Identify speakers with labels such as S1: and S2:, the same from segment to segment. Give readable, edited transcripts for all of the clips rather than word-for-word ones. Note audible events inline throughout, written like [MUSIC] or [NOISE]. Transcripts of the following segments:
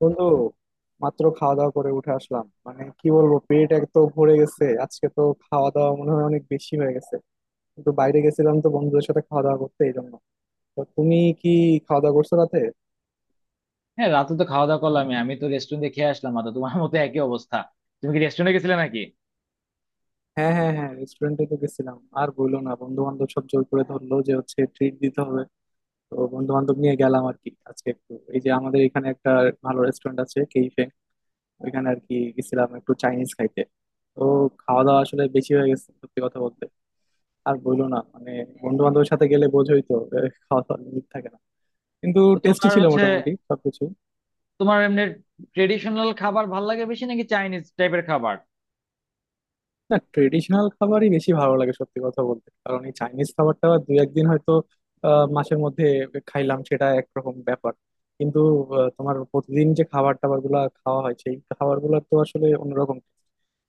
S1: বন্ধু মাত্র খাওয়া দাওয়া করে উঠে আসলাম। মানে কি বলবো, পেট এক তো ভরে গেছে, আজকে তো খাওয়া দাওয়া মনে হয় অনেক বেশি হয়ে গেছে। কিন্তু বাইরে গেছিলাম তো বন্ধুদের সাথে খাওয়া দাওয়া করতে, এই জন্য। তো তুমি কি খাওয়া দাওয়া করছো রাতে?
S2: হ্যাঁ, রাতে তো খাওয়া দাওয়া করলাম। আমি আমি তো রেস্টুরেন্টে খেয়ে আসলাম, আর তো তোমার মতো একই অবস্থা। তুমি কি রেস্টুরেন্টে গেছিলে নাকি?
S1: হ্যাঁ হ্যাঁ হ্যাঁ, রেস্টুরেন্টে তো গেছিলাম। আর বললো না, বন্ধু বান্ধব সব জোর করে ধরলো যে হচ্ছে ট্রিট দিতে হবে। তো বন্ধু বান্ধব নিয়ে গেলাম আর কি আজকে। একটু এই যে আমাদের এখানে একটা ভালো রেস্টুরেন্ট আছে কেইফে, ওইখানে আর কি গেছিলাম একটু চাইনিজ খাইতে। তো খাওয়া দাওয়া আসলে বেশি হয়ে গেছে সত্যি কথা বলতে। আর বইলো না, মানে বন্ধু বান্ধবের সাথে গেলে বোঝোই তো খাওয়া দাওয়ার লিমিট থাকে না। কিন্তু
S2: তো
S1: টেস্টি
S2: তোমার
S1: ছিল
S2: হচ্ছে,
S1: মোটামুটি সবকিছু।
S2: তোমার এমনি ট্রেডিশনাল খাবার ভাল লাগে বেশি নাকি চাইনিজ টাইপের খাবার?
S1: না, ট্রেডিশনাল খাবারই বেশি ভালো লাগে সত্যি কথা বলতে। কারণ এই চাইনিজ খাবারটা দুই একদিন হয়তো মাসের মধ্যে খাইলাম, সেটা একরকম ব্যাপার। কিন্তু তোমার প্রতিদিন যে খাবার টাবার গুলা খাওয়া হয়, সেই খাবার গুলা তো আসলে অন্যরকম।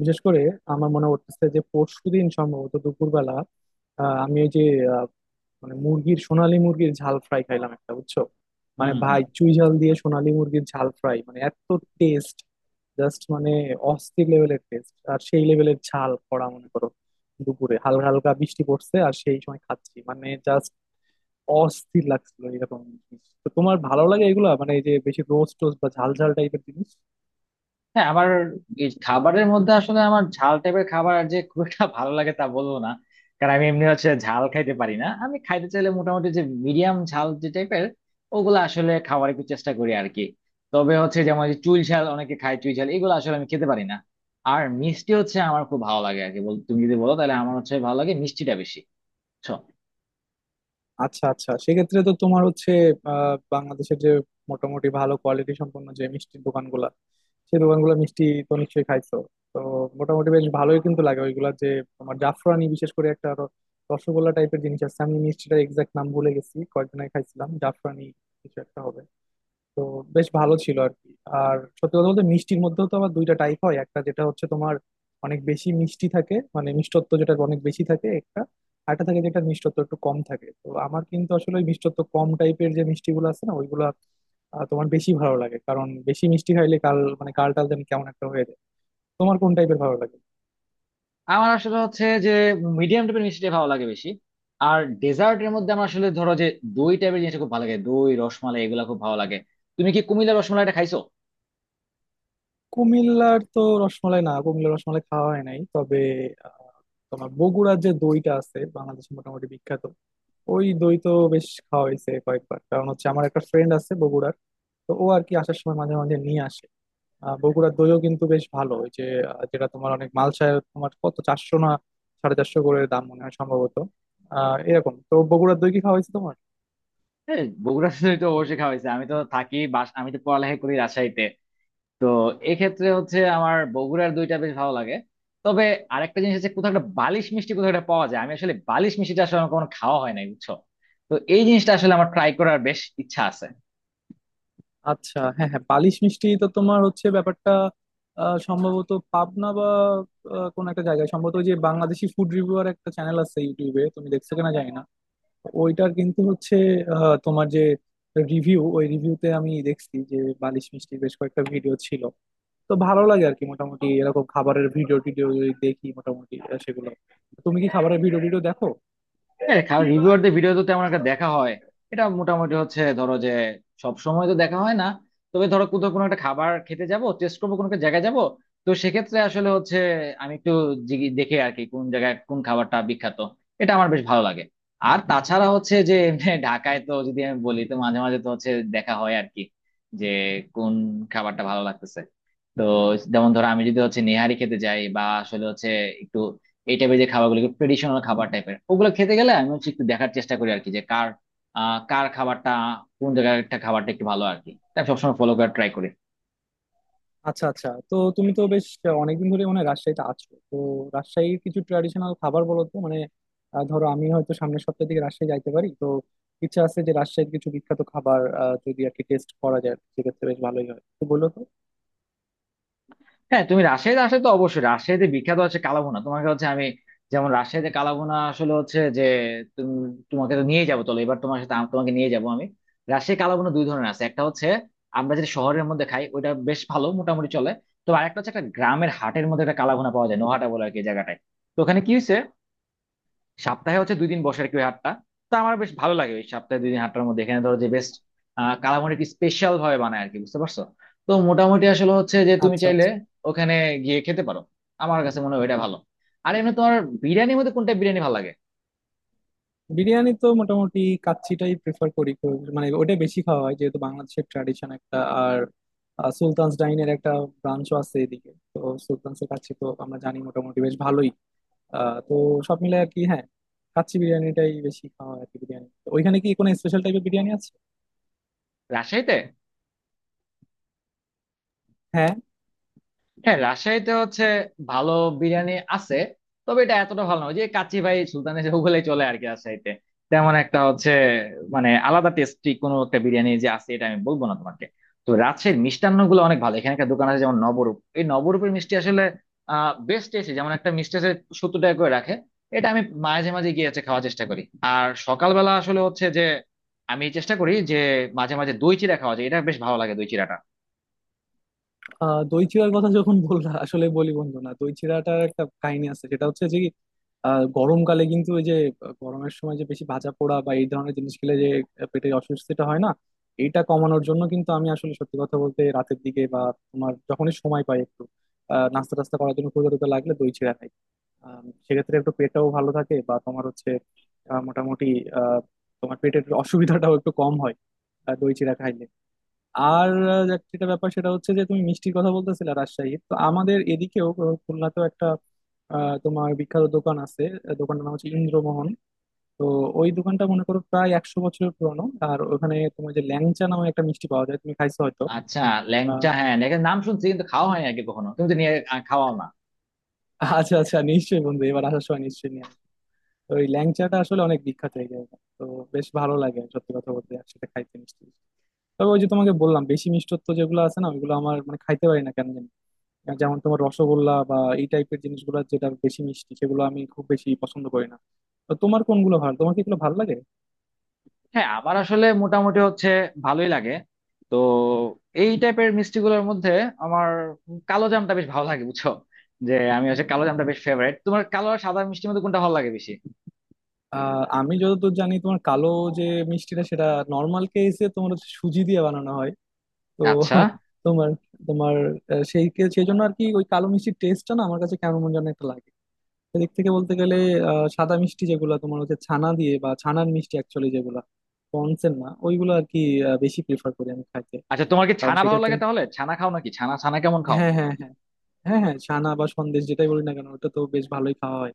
S1: বিশেষ করে আমার মনে করতেছে যে পরশুদিন সম্ভবত দুপুরবেলা আমি ওই যে মানে মুরগির, সোনালী মুরগির ঝাল ফ্রাই খাইলাম একটা, বুঝছো। মানে
S2: হুম হুম।
S1: ভাই চুই ঝাল দিয়ে সোনালী মুরগির ঝাল ফ্রাই, মানে এত টেস্ট, জাস্ট মানে অস্থির লেভেলের টেস্ট, আর সেই লেভেলের ঝাল করা, মনে করো দুপুরে হালকা হালকা বৃষ্টি পড়ছে আর সেই সময় খাচ্ছি, মানে জাস্ট অস্থির লাগছিল এরকম। জিনিস তো তোমার ভালো লাগে এগুলা, মানে এই যে বেশি রোস্ট টোস্ট বা ঝাল ঝাল টাইপের জিনিস।
S2: হ্যাঁ, আমার এই খাবারের মধ্যে আসলে আমার ঝাল টাইপের খাবার আর যে খুব একটা ভালো লাগে তা বলবো না। কারণ আমি এমনি হচ্ছে ঝাল খাইতে পারি না, আমি খাইতে চাইলে মোটামুটি যে মিডিয়াম ঝাল যে টাইপের ওগুলো আসলে খাওয়ার একটু চেষ্টা করি আর কি। তবে হচ্ছে, যেমন যে চুই ঝাল অনেকে খায়, চুই ঝাল এগুলো আসলে আমি খেতে পারি না। আর মিষ্টি হচ্ছে আমার খুব ভালো লাগে আর কি। তুমি যদি বলো তাহলে আমার হচ্ছে ভালো লাগে মিষ্টিটা বেশি।
S1: আচ্ছা আচ্ছা, সেক্ষেত্রে তো তোমার হচ্ছে বাংলাদেশের যে মোটামুটি ভালো কোয়ালিটি সম্পন্ন যে মিষ্টির দোকানগুলা, সেই দোকানগুলো মিষ্টি তো নিশ্চয়ই খাইছো। তো মোটামুটি বেশ ভালোই কিন্তু লাগে ওইগুলা। যে তোমার জাফরানি বিশেষ করে একটা রসগোল্লা টাইপের জিনিস আছে, আমি মিষ্টিটা এক্সাক্ট নাম ভুলে গেছি, কয়েকদিন আগে খাইছিলাম, জাফরানি কিছু একটা হবে। তো বেশ ভালো ছিল আর কি। আর সত্যি কথা বলতে মিষ্টির মধ্যেও তো আবার দুইটা টাইপ হয়। একটা যেটা হচ্ছে তোমার অনেক বেশি মিষ্টি থাকে, মানে মিষ্টত্ব যেটা অনেক বেশি থাকে একটা। আরেকটা থাকে যেটা মিষ্টত্ব একটু কম থাকে। তো আমার কিন্তু আসলে ওই মিষ্টত্ব কম টাইপের যে মিষ্টিগুলো আছে না ওইগুলো তোমার বেশি ভালো লাগে। কারণ বেশি মিষ্টি খাইলে কাল, মানে কালটাল যেন কেমন একটা হয়ে যায়। তোমার কোন টাইপের ভালো লাগে?
S2: আমার আসলে হচ্ছে যে মিডিয়াম টাইপের মিষ্টিটা ভালো লাগে বেশি। আর ডেজার্টের মধ্যে আমার আসলে ধরো যে দই টাইপের জিনিসটা খুব ভালো লাগে, দই, রসমালাই এগুলা খুব ভালো লাগে। তুমি কি কুমিল্লা রসমালাইটা খাইছো?
S1: কুমিল্লার তো রসমালাই, না কুমিল্লার রসমালাই খাওয়া হয় নাই। তবে আহ, তোমার বগুড়ার যে দইটা আছে, বাংলাদেশে মোটামুটি বিখ্যাত, ওই দই তো বেশ খাওয়া হয়েছে কয়েকবার। কারণ হচ্ছে আমার একটা ফ্রেন্ড আছে বগুড়ার, তো ও আর কি আসার সময় মাঝে মাঝে নিয়ে আসে। বগুড়ার দইও কিন্তু বেশ ভালো। ওই যে যেটা তোমার অনেক মালসায়, তোমার কত 400 না 450 করে দাম মনে হয় সম্ভবত। এরকম তো বগুড়ার দই কি খাওয়া হয়েছে তোমার?
S2: হ্যাঁ, বগুড়াতে তো অবশ্যই খাওয়াইছে। আমি তো থাকি বাস, আমি তো পড়ালেখা করি রাজশাহীতে। তো এক্ষেত্রে হচ্ছে আমার বগুড়ার দইটা বেশ ভালো লাগে। তবে আরেকটা জিনিস হচ্ছে, কোথাও একটা বালিশ মিষ্টি কোথাও একটা পাওয়া যায়, আমি আসলে বালিশ মিষ্টিটা আসলে আমার কখনো খাওয়া হয় নাই বুঝছো। তো এই জিনিসটা আসলে আমার ট্রাই করার বেশ ইচ্ছা আছে।
S1: আচ্ছা হ্যাঁ হ্যাঁ, বালিশ মিষ্টি তো তোমার হচ্ছে ব্যাপারটা সম্ভবত পাবনা বা কোন একটা জায়গায়। সম্ভবত ওই যে বাংলাদেশি ফুড রিভিউয়ার একটা চ্যানেল আছে ইউটিউবে, তুমি দেখছো কিনা জানি না, ওইটার কিন্তু হচ্ছে তোমার যে রিভিউ, ওই রিভিউতে আমি দেখছি যে বালিশ মিষ্টির বেশ কয়েকটা ভিডিও ছিল। তো ভালো লাগে আর কি মোটামুটি এরকম খাবারের ভিডিও টিডিও যদি দেখি মোটামুটি সেগুলো। তুমি কি খাবারের ভিডিও টিডিও দেখো?
S2: হ্যাঁ, কারণ রিভিউয়ারদের ভিডিও তো তেমন একটা দেখা হয়। এটা মোটামুটি হচ্ছে ধরো যে সব সময় তো দেখা হয় না। তবে ধরো কোথাও কোনো একটা খাবার খেতে যাব, টেস্ট করবো কোনো একটা জায়গায় যাব, তো সেক্ষেত্রে আসলে হচ্ছে আমি একটু দেখে আর কি কোন জায়গায় কোন খাবারটা বিখ্যাত, এটা আমার বেশ ভালো লাগে। আর তাছাড়া হচ্ছে যে, এমনি ঢাকায় তো, যদি আমি বলি, তো মাঝে মাঝে তো হচ্ছে দেখা হয় আর কি, যে কোন খাবারটা ভালো লাগতেছে। তো যেমন ধরো আমি যদি হচ্ছে নেহারি খেতে যাই বা আসলে হচ্ছে এই টাইপের যে খাবারগুলো ট্রেডিশনাল খাবার টাইপের, ওগুলো খেতে গেলে আমি হচ্ছে একটু দেখার চেষ্টা করি আর কি, যে কার, কার খাবারটা, কোন জায়গার একটা খাবারটা একটু ভালো আর কি, তাই আমি সবসময় ফলো করার ট্রাই করি।
S1: আচ্ছা আচ্ছা, তো তুমি তো বেশ অনেকদিন ধরে মানে রাজশাহীতে আছো তো। রাজশাহীর কিছু ট্র্যাডিশনাল খাবার বলো তো, মানে ধরো আমি হয়তো সামনের সপ্তাহের দিকে রাজশাহী যাইতে পারি। তো ইচ্ছা আছে যে রাজশাহীর কিছু বিখ্যাত খাবার যদি আর কি টেস্ট করা যায়, সেক্ষেত্রে বেশ ভালোই হয়, তো বলো তো।
S2: হ্যাঁ, তুমি রাজশাহীতে আসলে তো অবশ্যই, রাজশাহীতে বিখ্যাত হচ্ছে কালাভুনা। তোমাকে হচ্ছে আমি, যেমন রাজশাহীতে কালাভুনা আসলে হচ্ছে যে, তুমি, তোমাকে তো নিয়ে যাবো, চলো এবার তোমার সাথে তোমাকে নিয়ে যাবো আমি। রাজশাহী কালাভুনা দুই ধরনের আছে, একটা হচ্ছে আমরা যেটা শহরের মধ্যে খাই ওটা বেশ ভালো, মোটামুটি চলে। তো আরেকটা হচ্ছে একটা গ্রামের হাটের মধ্যে একটা কালাভুনা পাওয়া যায়, নোহাটা বলে আর কি জায়গাটায়। তো ওখানে কি হয়েছে, সপ্তাহে হচ্ছে দুই দিন বসে আর কি ওই হাটটা। তো আমার বেশ ভালো লাগে ওই সপ্তাহে দুই দিন হাটটার মধ্যে, এখানে ধরো যে বেস্ট কালামানির স্পেশাল ভাবে বানায় আর কি, বুঝতে পারছো? তো মোটামুটি আসলে হচ্ছে যে তুমি
S1: আচ্ছা আচ্ছা।
S2: চাইলে ওখানে গিয়ে খেতে পারো, আমার কাছে মনে হয় ওইটা ভালো। আর এমনি তোমার বিরিয়ানির মধ্যে কোনটা বিরিয়ানি ভালো লাগে?
S1: বিরিয়ানি তো মোটামুটি কাচ্চিটাই প্রেফার করি খুব। মানে ওটা বেশি খাওয়া হয় যেহেতু বাংলাদেশের ট্র্যাডিশন একটা। আর সুলতান'স ডাইন এর একটা ব্রাঞ্চও আছে এদিকে তো। সুলতান'স এর কাচ্চি তো আমরা জানি মোটামুটি বেশ ভালোই। তো সব মিলে আর কি। হ্যাঁ, কাচ্চি বিরিয়ানিটাই বেশি খাওয়া হয় আর কি। বিরিয়ানি তো ওইখানে কি কোনো স্পেশাল টাইপের বিরিয়ানি আছে?
S2: রাজশাহীতে? হ্যাঁ, রাজশাহীতে হচ্ছে ভালো বিরিয়ানি আছে, তবে এটা এতটা ভালো না। ওই যে কাচ্চি ভাই সুলতানি, যে ওগুলাই চলে আর কি রাজশাহীতে, তেমন একটা হচ্ছে, মানে আলাদা টেস্টি কোনো একটা বিরিয়ানি যে আছে এটা আমি বলবো না তোমাকে। তো রাজশাহীর মিষ্টান্ন গুলো অনেক ভালো, এখানে একটা দোকান আছে যেমন নবরূপ, এই নবরূপের মিষ্টি আসলে বেস্ট টেস্টি। যেমন একটা মিষ্টি আছে 70 টাকা করে রাখে, এটা আমি মাঝে মাঝে গিয়ে হচ্ছে খাওয়ার চেষ্টা করি। আর সকালবেলা আসলে হচ্ছে যে আমি চেষ্টা করি যে মাঝে মাঝে দই চিড়া খাওয়া যায়, এটা বেশ ভালো লাগে দই চিড়া।
S1: দই চিড়ার কথা যখন বললা, আসলে বলি বন্ধু, না দই চিড়াটার একটা কাহিনী আছে। সেটা হচ্ছে যে কি, গরমকালে কিন্তু ওই যে গরমের সময় যে বেশি ভাজা পোড়া বা এই ধরনের জিনিস খেলে যে পেটে অস্বস্তিটা হয় না, এইটা কমানোর জন্য কিন্তু আমি আসলে সত্যি কথা বলতে রাতের দিকে বা তোমার যখনই সময় পাই একটু নাস্তা টাস্তা করার জন্য, ক্ষুধা টুধা লাগলে দই চিড়া খাই। সেক্ষেত্রে একটু পেটটাও ভালো থাকে বা তোমার হচ্ছে মোটামুটি আহ, তোমার পেটের অসুবিধাটাও একটু কম হয় দই চিড়া খাইলে। আর যেটা ব্যাপার সেটা হচ্ছে যে তুমি মিষ্টির কথা বলতেছিলে রাজশাহীর, তো আমাদের এদিকেও খুলনাতেও একটা তোমার বিখ্যাত দোকান আছে। দোকানটার নাম হচ্ছে ইন্দ্রমোহন। তো ওই দোকানটা মনে করো প্রায় 100 বছরের পুরনো। আর ওখানে তোমার যে ল্যাংচা নামে একটা মিষ্টি পাওয়া যায়, তুমি খাইছো হয়তো।
S2: আচ্ছা,
S1: আহ
S2: ল্যাংচা, হ্যাঁ ল্যাংচার নাম শুনছি কিন্তু খাওয়া হয়নি আর কি কখনো, তুমি তো নিয়ে খাওয়াও না।
S1: [LAUGHS] আচ্ছা আচ্ছা, নিশ্চয়ই বন্ধু, এবার আসার সময় নিশ্চয়ই নিয়ে আসবো। তো ওই ল্যাংচাটা আসলে অনেক বিখ্যাত এই জায়গা তো। বেশ ভালো লাগে সত্যি কথা বলতে একসাথে খাইতে মিষ্টি। তবে ওই যে তোমাকে বললাম, বেশি মিষ্টত্ব যেগুলো আছে না, ওইগুলো আমার মানে খাইতে পারি না কেন জানি। যেমন তোমার রসগোল্লা বা এই টাইপের জিনিসগুলো যেটা বেশি মিষ্টি, সেগুলো আমি খুব বেশি পছন্দ করি না। তো তোমার কোনগুলো ভালো, তোমার কি এগুলো ভালো লাগে?
S2: হ্যাঁ, আমার আসলে মোটামুটি হচ্ছে ভালোই লাগে। তো এই টাইপের মিষ্টি গুলোর মধ্যে আমার কালো জামটা বেশ ভালো লাগে বুঝছো, যে আমি হচ্ছে কালো জামটা বেশ ফেভারিট। তোমার কালো আর সাদা মিষ্টির মধ্যে কোনটা ভালো লাগে বেশি?
S1: আমি যতদূর জানি তোমার কালো যে মিষ্টিটা, সেটা নর্মাল কেসে তোমার হচ্ছে সুজি দিয়ে বানানো হয়। তো
S2: আচ্ছা
S1: তোমার তোমার সেই জন্য আর কি ওই কালো মিষ্টির টেস্টটা না আমার কাছে কেমন যেন একটা লাগে। সেদিক থেকে বলতে গেলে সাদা মিষ্টি যেগুলো তোমার হচ্ছে ছানা দিয়ে, বা ছানার মিষ্টি অ্যাকচুয়ালি, যেগুলো পনসের না ওইগুলো আর কি বেশি প্রেফার করি আমি খাইতে।
S2: আচ্ছা, তোমার কি
S1: কারণ
S2: ছানা ভালো লাগে?
S1: সেক্ষেত্রে
S2: তাহলে ছানা খাও নাকি, ছানা ছানা কেমন খাও?
S1: হ্যাঁ হ্যাঁ হ্যাঁ, হ্যাঁ হ্যাঁ ছানা বা সন্দেশ যেটাই বলি না কেন ওটা তো বেশ ভালোই খাওয়া হয়।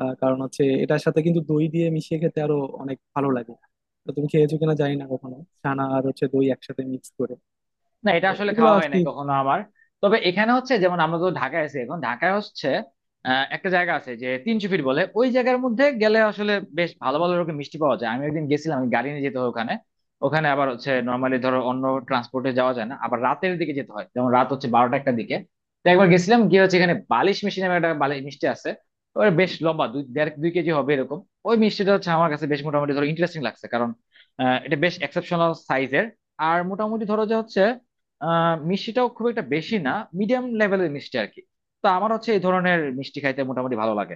S1: কারণ হচ্ছে এটার সাথে কিন্তু দই দিয়ে মিশিয়ে খেতে আরো অনেক ভালো লাগে। তো তুমি খেয়েছো কিনা জানি না কখনো ছানা আর হচ্ছে দই একসাথে মিক্স করে।
S2: না,
S1: তো
S2: এটা আসলে
S1: এগুলো
S2: খাওয়া
S1: আর
S2: হয়
S1: কি।
S2: নাই কখনো আমার। তবে এখানে হচ্ছে, যেমন আমরা তো ঢাকায় আছি এখন, ঢাকায় হচ্ছে একটা জায়গা আছে যে 300 ফিট বলে, ওই জায়গার মধ্যে গেলে আসলে বেশ ভালো ভালো রকম মিষ্টি পাওয়া যায়। আমি একদিন গেছিলাম, আমি গাড়ি নিয়ে যেতে হয় ওখানে। ওখানে আবার হচ্ছে নর্মালি ধরো অন্য ট্রান্সপোর্টে যাওয়া যায় না, আবার রাতের দিকে যেতে হয়, যেমন রাত হচ্ছে 12টা 1টা দিকে। তো একবার গেছিলাম গিয়ে হচ্ছে, এখানে বালিশ মিষ্টি নামে একটা বালিশ মিষ্টি আছে, ওর বেশ লম্বা, 2 দেড় 2 কেজি হবে এরকম। ওই মিষ্টিটা হচ্ছে আমার কাছে বেশ মোটামুটি ধরো ইন্টারেস্টিং লাগছে, কারণ এটা বেশ এক্সেপশনাল সাইজের। আর মোটামুটি ধরো যে হচ্ছে মিষ্টিটাও খুব একটা বেশি না, মিডিয়াম লেভেলের মিষ্টি আর কি। তো আমার হচ্ছে এই ধরনের মিষ্টি খাইতে মোটামুটি ভালো লাগে।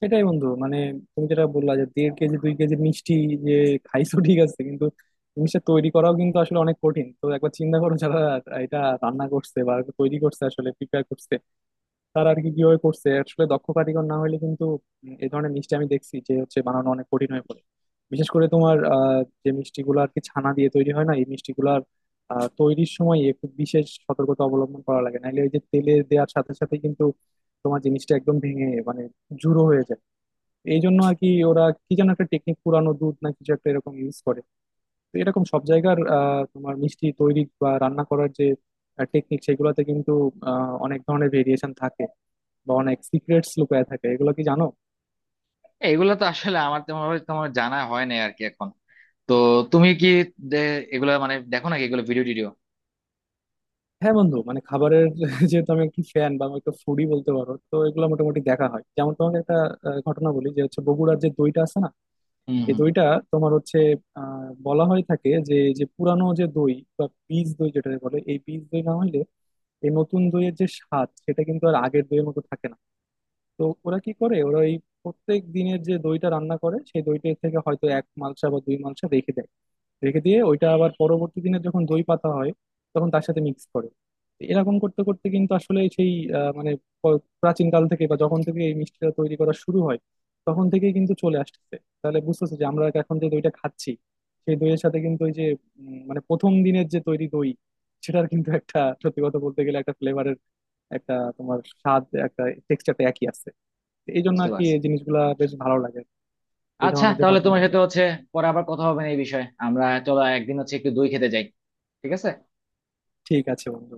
S1: সেটাই বন্ধু, মানে তুমি যেটা বললা যে 1.5 কেজি 2 কেজি মিষ্টি যে খাইছো ঠিক আছে, কিন্তু জিনিসটা তৈরি করাও কিন্তু আসলে অনেক কঠিন। তো একবার চিন্তা করো যারা এটা রান্না করছে বা তৈরি করছে, আসলে প্রিপেয়ার করছে, তারা আর কি কিভাবে করছে। আসলে দক্ষ কারিগর না হলে কিন্তু এই ধরনের মিষ্টি আমি দেখছি যে হচ্ছে বানানো অনেক কঠিন হয়ে পড়ে। বিশেষ করে তোমার যে মিষ্টিগুলো আর কি ছানা দিয়ে তৈরি হয় না, এই মিষ্টিগুলার তৈরির সময় একটু বিশেষ সতর্কতা অবলম্বন করা লাগে। নাহলে ওই যে তেলে দেওয়ার সাথে সাথে কিন্তু তোমার জিনিসটা একদম ভেঙে মানে জুড়ো হয়ে যায়। এই জন্য আর কি ওরা কি যেন একটা টেকনিক, পুরানো দুধ না কিছু একটা এরকম ইউজ করে। তো এরকম সব জায়গার তোমার মিষ্টি তৈরি বা রান্না করার যে টেকনিক, সেগুলোতে কিন্তু অনেক ধরনের ভেরিয়েশন থাকে বা অনেক সিক্রেটস লুকায় থাকে। এগুলো কি জানো?
S2: এগুলো তো আসলে আমার তেমন ভাবে তোমার জানা হয় না আর কি এখন। তো তুমি কি দে- এগুলো মানে দেখো নাকি এগুলো ভিডিও টিডিও?
S1: হ্যাঁ বন্ধু, মানে খাবারের [LAUGHS] যেহেতু আমি একটু ফ্যান, বা আমি একটু ফুডি বলতে পারো, তো এগুলো মোটামুটি দেখা হয়। যেমন তোমাকে একটা ঘটনা বলি, যে হচ্ছে বগুড়ার যে দইটা আছে না,
S2: হম
S1: এই
S2: হম।
S1: দইটা তোমার হচ্ছে বলা হয়ে থাকে যে যে পুরানো যে দই বা বীজ দই যেটা বলে, এই বীজ দই না হইলে এই নতুন দইয়ের যে স্বাদ, সেটা কিন্তু আর আগের দইয়ের মতো থাকে না। তো ওরা কি করে, ওরা এই প্রত্যেক দিনের যে দইটা রান্না করে, সেই দইটার থেকে হয়তো এক মালসা বা দুই মালসা রেখে দেয়। রেখে দিয়ে ওইটা আবার পরবর্তী দিনে যখন দই পাতা হয়, তখন তার সাথে মিক্স করে। তো এরকম করতে করতে কিন্তু আসলে সেই মানে প্রাচীনকাল থেকে বা যখন থেকে এই মিষ্টিটা তৈরি করা শুরু হয়, তখন থেকেই কিন্তু চলে আসছে। তাহলে বুঝতেছে যে আমরা এখন যে দইটা খাচ্ছি, সেই দইয়ের সাথে কিন্তু ওই যে মানে প্রথম দিনের যে তৈরি দই, সেটার কিন্তু একটা সত্যি কথা বলতে গেলে একটা ফ্লেভারের একটা তোমার স্বাদ, একটা টেক্সচারটা একই আছে। এই জন্য
S2: বুঝতে
S1: আর কি
S2: পারছি।
S1: এই জিনিসগুলা বেশ ভালো লাগে, এই
S2: আচ্ছা,
S1: ধরনের যে
S2: তাহলে তোমার
S1: ঘটনাগুলো।
S2: সাথে হচ্ছে পরে আবার কথা হবে না এই বিষয়ে, আমরা চলো একদিন হচ্ছে একটু দই খেতে যাই, ঠিক আছে?
S1: ঠিক আছে বন্ধু।